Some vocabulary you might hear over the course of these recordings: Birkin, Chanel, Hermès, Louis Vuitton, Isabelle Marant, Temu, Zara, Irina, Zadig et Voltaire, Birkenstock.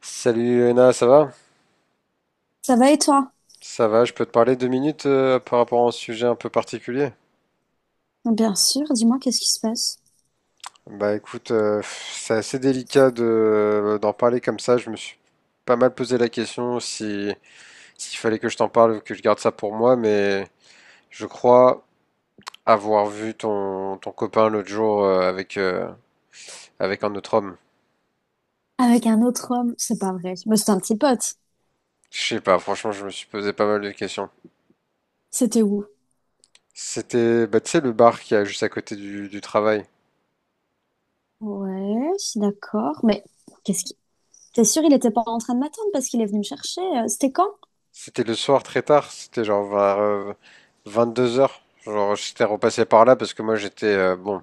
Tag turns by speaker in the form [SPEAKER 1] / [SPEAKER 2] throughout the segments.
[SPEAKER 1] Salut Léna, ça va?
[SPEAKER 2] Ça va et toi?
[SPEAKER 1] Ça va, je peux te parler 2 minutes par rapport à un sujet un peu particulier?
[SPEAKER 2] Bien sûr, dis-moi, qu'est-ce qui se passe?
[SPEAKER 1] Bah écoute, c'est assez délicat de, d'en parler comme ça. Je me suis pas mal posé la question si, s'il fallait que je t'en parle ou que je garde ça pour moi, mais je crois avoir vu ton copain l'autre jour avec un autre homme.
[SPEAKER 2] Avec un autre homme, c'est pas vrai. Mais c'était un petit pote.
[SPEAKER 1] Je sais pas, franchement, je me suis posé pas mal de questions.
[SPEAKER 2] C'était où?
[SPEAKER 1] C'était, bah, tu sais, le bar qui est juste à côté du travail.
[SPEAKER 2] Ouais, je suis d'accord. Mais qu'est-ce qui... T'es sûr, il était pas en train de m'attendre parce qu'il est venu me chercher? C'était quand?
[SPEAKER 1] C'était le soir très tard, c'était genre vers 22 h. Genre, j'étais repassé par là parce que moi j'étais bon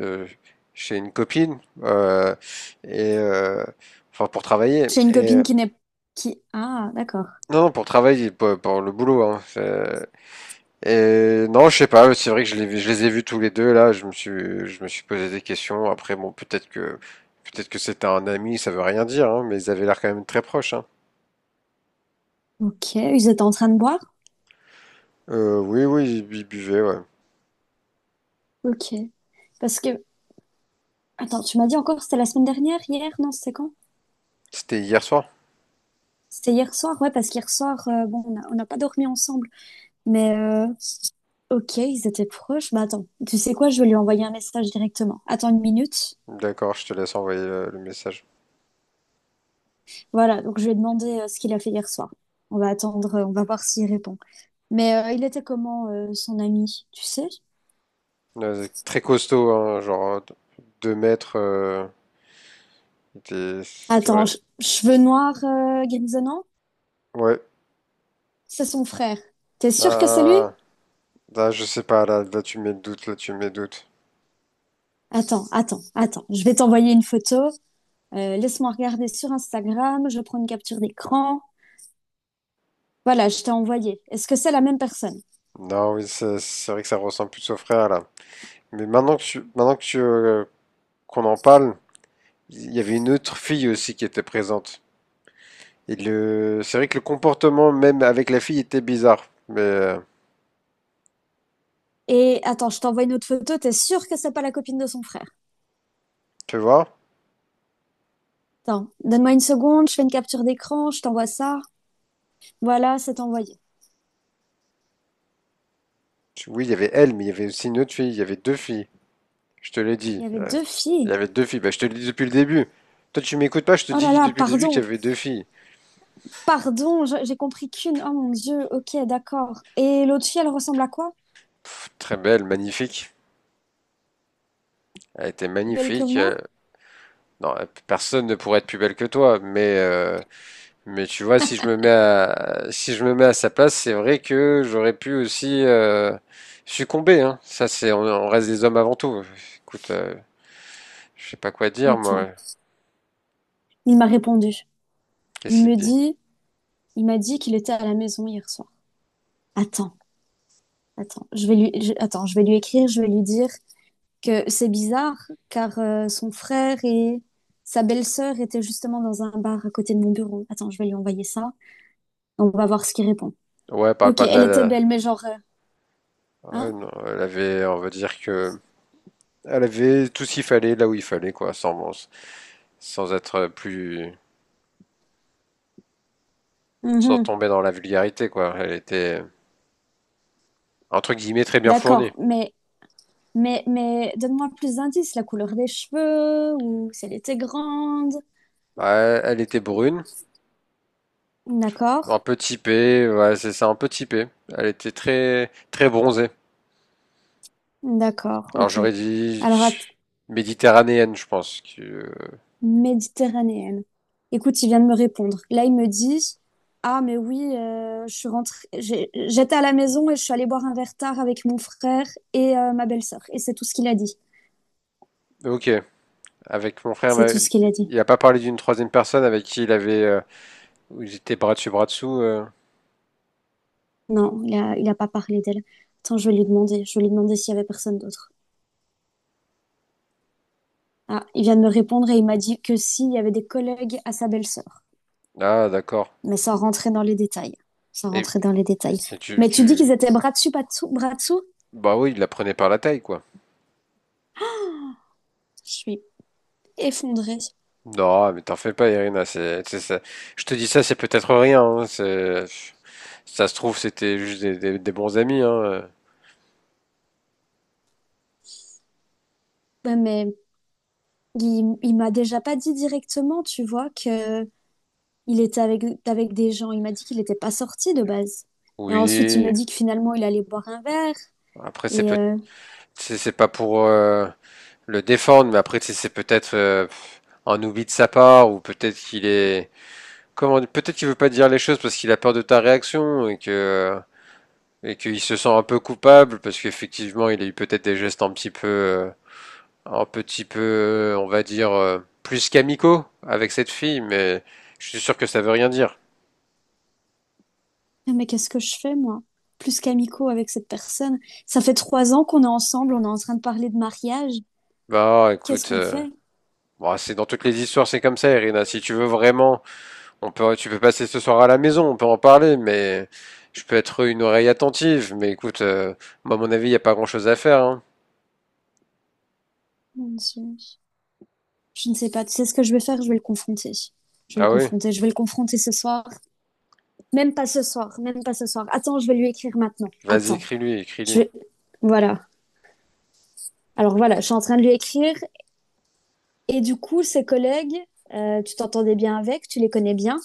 [SPEAKER 1] euh, chez une copine et enfin pour travailler
[SPEAKER 2] J'ai une
[SPEAKER 1] et
[SPEAKER 2] copine qui n'est... Qui... Ah, d'accord.
[SPEAKER 1] non, non pour travailler pour le boulot, hein, et non, je sais pas, c'est vrai que je les ai vus tous les deux là. Je me suis posé des questions. Après, bon, peut-être que c'était un ami, ça veut rien dire, hein, mais ils avaient l'air quand même très proches, hein.
[SPEAKER 2] Ok, ils étaient en train de boire?
[SPEAKER 1] Oui, oui, ils buvaient, ouais.
[SPEAKER 2] Ok. Parce que... Attends, tu m'as dit encore, c'était la semaine dernière, hier? Non, c'était quand?
[SPEAKER 1] C'était hier soir.
[SPEAKER 2] C'était hier soir, ouais, parce qu'hier soir, bon, on n'a pas dormi ensemble. Mais ok, ils étaient proches. Bah attends, tu sais quoi, je vais lui envoyer un message directement. Attends une minute.
[SPEAKER 1] D'accord, je te laisse envoyer le message.
[SPEAKER 2] Voilà, donc je vais demander ce qu'il a fait hier soir. On va attendre, on va voir s'il répond. Mais il était comment son ami, tu sais?
[SPEAKER 1] Ouais, c'est très costaud, hein, genre 2 mètres. C'était vrai.
[SPEAKER 2] Attends, cheveux noirs grisonnants?
[SPEAKER 1] Ouais.
[SPEAKER 2] C'est son frère. T'es sûr que c'est lui?
[SPEAKER 1] Ah, ah, je sais pas, là, là tu me mets le doute, là tu me mets le doute.
[SPEAKER 2] Attends. Je vais t'envoyer une photo. Laisse-moi regarder sur Instagram. Je prends une capture d'écran. Voilà, je t'ai envoyé. Est-ce que c'est la même personne?
[SPEAKER 1] Non, oui, c'est vrai que ça ressemble plus au frère, là. Mais qu'on en parle, il y avait une autre fille aussi qui était présente. Et c'est vrai que le comportement même avec la fille était bizarre. Mais
[SPEAKER 2] Et attends, je t'envoie une autre photo, t'es sûr que c'est pas la copine de son frère?
[SPEAKER 1] tu vois,
[SPEAKER 2] Attends, donne-moi une seconde, je fais une capture d'écran, je t'envoie ça. Voilà, c'est envoyé.
[SPEAKER 1] oui, il y avait elle, mais il y avait aussi une autre fille, il y avait deux filles. Je te l'ai dit,
[SPEAKER 2] Il y avait
[SPEAKER 1] ouais.
[SPEAKER 2] deux
[SPEAKER 1] Il
[SPEAKER 2] filles.
[SPEAKER 1] y avait deux filles. Bah, je te l'ai dit depuis le début. Toi, tu m'écoutes pas, je te
[SPEAKER 2] Oh là
[SPEAKER 1] dis
[SPEAKER 2] là,
[SPEAKER 1] depuis le début qu'il y
[SPEAKER 2] pardon,
[SPEAKER 1] avait deux filles.
[SPEAKER 2] pardon, j'ai compris qu'une. Oh mon Dieu, ok, d'accord. Et l'autre fille, elle ressemble à quoi?
[SPEAKER 1] Très belle, magnifique. Elle était
[SPEAKER 2] Plus belle que
[SPEAKER 1] magnifique.
[SPEAKER 2] moi?
[SPEAKER 1] Non, personne ne pourrait être plus belle que toi. Mais tu vois, si je me mets à, si je me mets à sa place, c'est vrai que j'aurais pu aussi succomber. Hein. Ça, on reste des hommes avant tout. Écoute, je sais pas quoi dire, moi.
[SPEAKER 2] Attends, il m'a répondu. Il
[SPEAKER 1] Qu'est-ce qu'il
[SPEAKER 2] me
[SPEAKER 1] te dit?
[SPEAKER 2] dit, il m'a dit qu'il était à la maison hier soir. Attends, attends, je vais lui, je- attends, je vais lui écrire, je vais lui dire. Que c'est bizarre car son frère et sa belle-sœur étaient justement dans un bar à côté de mon bureau. Attends, je vais lui envoyer ça. On va voir ce qu'il répond.
[SPEAKER 1] Ouais, parle
[SPEAKER 2] Ok,
[SPEAKER 1] pas de
[SPEAKER 2] elle était
[SPEAKER 1] la.
[SPEAKER 2] belle, mais genre,
[SPEAKER 1] Ouais,
[SPEAKER 2] hein?
[SPEAKER 1] non, elle avait, on va dire que. Elle avait tout ce qu'il fallait là où il fallait, quoi, sans être plus. Sans
[SPEAKER 2] Mhm.
[SPEAKER 1] tomber dans la vulgarité, quoi. Elle était, entre guillemets, très bien fournie.
[SPEAKER 2] D'accord, mais mais donne-moi plus d'indices, la couleur des cheveux ou si elle était grande.
[SPEAKER 1] Bah, elle était brune, un
[SPEAKER 2] D'accord,
[SPEAKER 1] peu typée, ouais, c'est ça, un peu typée. Elle était très, très bronzée.
[SPEAKER 2] d'accord,
[SPEAKER 1] Alors
[SPEAKER 2] ok.
[SPEAKER 1] j'aurais dit
[SPEAKER 2] Alors.
[SPEAKER 1] tch, méditerranéenne, je pense.
[SPEAKER 2] Méditerranéenne. Écoute, il vient de me répondre. Là, il me dit, ah mais oui, je suis rentrée, j'étais à la maison et je suis allée boire un verre tard avec mon frère et ma belle-sœur. Et c'est tout ce qu'il a dit.
[SPEAKER 1] Ok. Avec mon frère,
[SPEAKER 2] C'est
[SPEAKER 1] bah,
[SPEAKER 2] tout ce qu'il a dit.
[SPEAKER 1] il n'a pas parlé d'une troisième personne avec qui il avait. Où ils étaient bras dessus, bras dessous.
[SPEAKER 2] Non, il a pas parlé d'elle. Attends, je vais lui demander. Je vais lui demander s'il y avait personne d'autre. Ah, il vient de me répondre et il m'a dit que s'il y avait des collègues à sa belle-sœur.
[SPEAKER 1] Ah, d'accord.
[SPEAKER 2] Mais sans rentrer dans les détails. Sans
[SPEAKER 1] Et,
[SPEAKER 2] rentrer dans les détails.
[SPEAKER 1] et tu,
[SPEAKER 2] Mais tu dis qu'ils
[SPEAKER 1] tu.
[SPEAKER 2] étaient bras dessus, pas dessous, bras dessous?
[SPEAKER 1] Bah oui, il la prenait par la taille, quoi.
[SPEAKER 2] Je suis effondrée.
[SPEAKER 1] Non, mais t'en fais pas, Irina. Je te dis ça, c'est peut-être rien, hein. Ça se trouve, c'était juste des, des bons amis, hein.
[SPEAKER 2] Ouais, mais il m'a déjà pas dit directement, tu vois, que il était avec, avec des gens. Il m'a dit qu'il n'était pas sorti de base. Et ensuite, il m'a
[SPEAKER 1] Oui.
[SPEAKER 2] dit que finalement, il allait boire un verre.
[SPEAKER 1] Après,
[SPEAKER 2] Et
[SPEAKER 1] c'est pas pour le défendre, mais après, c'est peut-être un oubli de sa part, ou peut-être qu'il est, comment, peut-être qu'il veut pas te dire les choses parce qu'il a peur de ta réaction et qu'il se sent un peu coupable parce qu'effectivement, il a eu peut-être des gestes un petit peu, on va dire, plus qu'amicaux avec cette fille, mais je suis sûr que ça veut rien dire.
[SPEAKER 2] ah, mais qu'est-ce que je fais, moi? Plus qu'amicaux avec cette personne. Ça fait 3 ans qu'on est ensemble, on est en train de parler de mariage.
[SPEAKER 1] Bah,
[SPEAKER 2] Qu'est-ce
[SPEAKER 1] écoute,
[SPEAKER 2] qu'on fait?
[SPEAKER 1] bon, c'est dans toutes les histoires, c'est comme ça, Irina. Si tu veux vraiment, tu peux passer ce soir à la maison, on peut en parler, mais je peux être une oreille attentive. Mais écoute, moi, à mon avis, il n'y a pas grand-chose à faire, hein.
[SPEAKER 2] Mon Dieu. Je ne sais pas. Tu sais ce que je vais faire? Je vais le confronter. Je vais
[SPEAKER 1] Ah
[SPEAKER 2] le
[SPEAKER 1] oui?
[SPEAKER 2] confronter. Je vais le confronter ce soir. Même pas ce soir. Même pas ce soir. Attends, je vais lui écrire maintenant.
[SPEAKER 1] Vas-y,
[SPEAKER 2] Attends.
[SPEAKER 1] écris-lui, écris-lui.
[SPEAKER 2] Je vais... Voilà. Alors voilà, je suis en train de lui écrire et du coup, ses collègues, tu t'entendais bien avec, tu les connais bien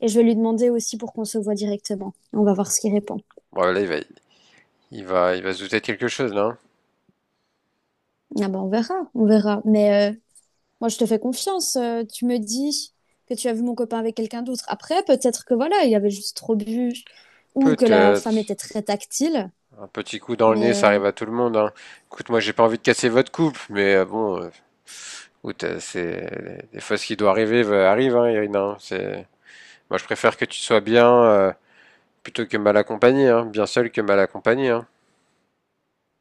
[SPEAKER 2] et je vais lui demander aussi pour qu'on se voit directement. On va voir ce qu'il répond.
[SPEAKER 1] Bon, là, il va se douter de quelque chose, là, hein.
[SPEAKER 2] Ah ben, on verra, on verra. Mais moi, je te fais confiance. Euh, tu me dis que tu as vu mon copain avec quelqu'un d'autre. Après, peut-être que voilà, il avait juste trop bu ou que la femme était
[SPEAKER 1] Peut-être.
[SPEAKER 2] très tactile.
[SPEAKER 1] Un petit coup dans le nez,
[SPEAKER 2] Mais,
[SPEAKER 1] ça
[SPEAKER 2] euh,
[SPEAKER 1] arrive à tout le monde, hein. Écoute, moi, j'ai pas envie de casser votre couple, mais bon, écoute, c'est des fois ce qui doit arriver arrive, hein, Irina, hein. C'est moi, je préfère que tu sois bien plutôt que mal accompagnée, hein. Bien seule que mal accompagnée, hein.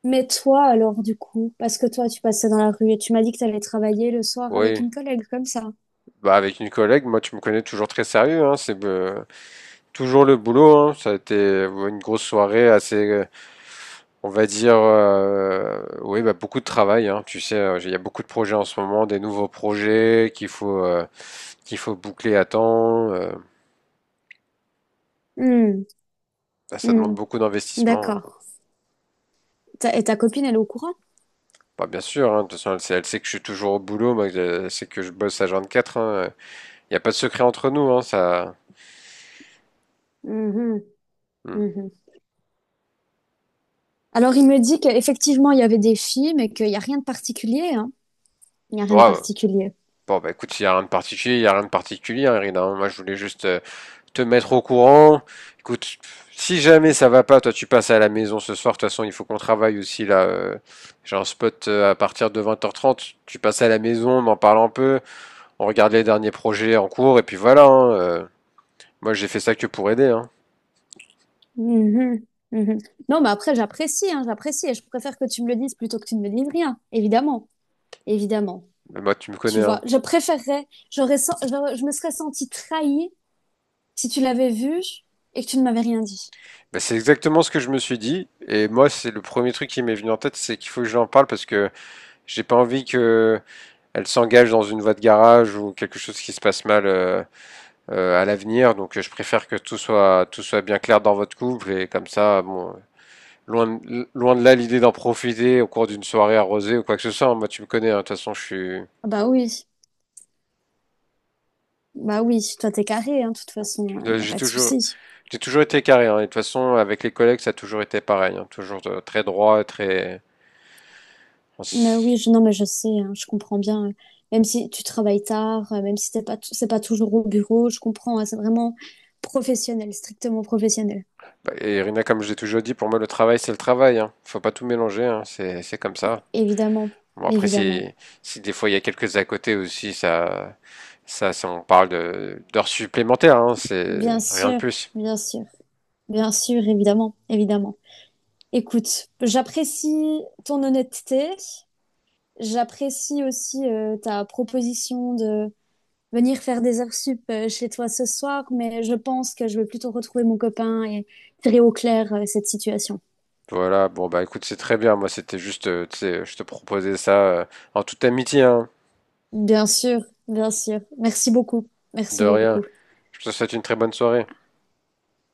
[SPEAKER 2] mais toi, alors, du coup, parce que toi, tu passais dans la rue et tu m'as dit que tu allais travailler le soir avec
[SPEAKER 1] Oui.
[SPEAKER 2] une collègue comme ça.
[SPEAKER 1] Bah avec une collègue, moi tu me connais toujours très sérieux, hein. C'est toujours le boulot, hein. Ça a été une grosse soirée assez, on va dire, oui bah beaucoup de travail, hein. Tu sais, il y a beaucoup de projets en ce moment, des nouveaux projets qu'il faut boucler à temps.
[SPEAKER 2] Hmm,
[SPEAKER 1] Bah, ça
[SPEAKER 2] hmm,
[SPEAKER 1] demande beaucoup d'investissement, hein.
[SPEAKER 2] d'accord. Et ta copine, elle est au courant?
[SPEAKER 1] Bah bien sûr, hein, de toute façon, elle sait que je suis toujours au boulot, moi, elle sait que je bosse à 24, hein. Il n'y a pas de secret entre nous, hein, ça.
[SPEAKER 2] Mhm,
[SPEAKER 1] Hmm.
[SPEAKER 2] mhm. Alors, il me dit qu'effectivement, il y avait des films et qu'il n'y a rien de particulier, hein. Il n'y a
[SPEAKER 1] Ouais,
[SPEAKER 2] rien de
[SPEAKER 1] ouais.
[SPEAKER 2] particulier.
[SPEAKER 1] Bon, bah écoute, il n'y a rien de particulier, il n'y a rien de particulier, hein, Irina, hein. Moi, je voulais juste te mettre au courant. Écoute, si jamais ça va pas, toi, tu passes à la maison ce soir. De toute façon, il faut qu'on travaille aussi, là. J'ai un spot à partir de 20h30. Tu passes à la maison, on en parle un peu, on regarde les derniers projets en cours, et puis voilà, hein. Moi, j'ai fait ça que pour aider, hein.
[SPEAKER 2] Mhm, mhm. Non, mais après, j'apprécie, hein, j'apprécie et je préfère que tu me le dises plutôt que tu ne me dises rien. Évidemment, évidemment.
[SPEAKER 1] Mais moi, tu me
[SPEAKER 2] Tu
[SPEAKER 1] connais,
[SPEAKER 2] vois,
[SPEAKER 1] hein.
[SPEAKER 2] je préférerais, je me serais sentie trahie si tu l'avais vu et que tu ne m'avais rien dit.
[SPEAKER 1] Bah, c'est exactement ce que je me suis dit. Et moi, c'est le premier truc qui m'est venu en tête, c'est qu'il faut que j'en parle parce que j'ai pas envie que elle s'engage dans une voie de garage ou quelque chose qui se passe mal à l'avenir. Donc, je préfère que tout soit bien clair dans votre couple et comme ça, bon, loin de là l'idée d'en profiter au cours d'une soirée arrosée ou quoi que ce soit. Moi, tu me connais, hein. De toute façon, je suis
[SPEAKER 2] Ah bah oui, bah oui, toi t'es carré, hein, de toute façon, il
[SPEAKER 1] Euh,
[SPEAKER 2] n'y a
[SPEAKER 1] j'ai
[SPEAKER 2] pas de
[SPEAKER 1] toujours
[SPEAKER 2] souci.
[SPEAKER 1] j'ai toujours été carré, hein. Et de toute façon, avec les collègues, ça a toujours été pareil, hein. Toujours très droit, très on s-
[SPEAKER 2] Non, mais je sais, hein, je comprends bien. Même si tu travailles tard, même si t'es pas, t- c'est pas toujours au bureau, je comprends. Hein, c'est vraiment professionnel, strictement professionnel.
[SPEAKER 1] et Irina, comme j'ai toujours dit, pour moi, le travail, c'est le travail. Hein. Faut pas tout mélanger. Hein. C'est comme ça.
[SPEAKER 2] Évidemment,
[SPEAKER 1] Bon, après, si,
[SPEAKER 2] évidemment.
[SPEAKER 1] si des fois il y a quelques à côté aussi, ça, on parle d'heures supplémentaires, hein.
[SPEAKER 2] Bien
[SPEAKER 1] C'est rien de
[SPEAKER 2] sûr,
[SPEAKER 1] plus.
[SPEAKER 2] bien sûr, bien sûr, évidemment, évidemment. Écoute, j'apprécie ton honnêteté. J'apprécie aussi ta proposition de venir faire des heures sup chez toi ce soir, mais je pense que je vais plutôt retrouver mon copain et tirer au clair cette situation.
[SPEAKER 1] Voilà. Bon, bah, écoute, c'est très bien. Moi, c'était juste, tu sais, je te proposais ça euh, en toute amitié, hein.
[SPEAKER 2] Bien sûr, bien sûr. Merci beaucoup. Merci
[SPEAKER 1] De rien.
[SPEAKER 2] beaucoup.
[SPEAKER 1] Je te souhaite une très bonne soirée.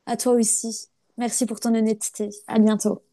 [SPEAKER 2] À toi aussi. Merci pour ton honnêteté. À bientôt.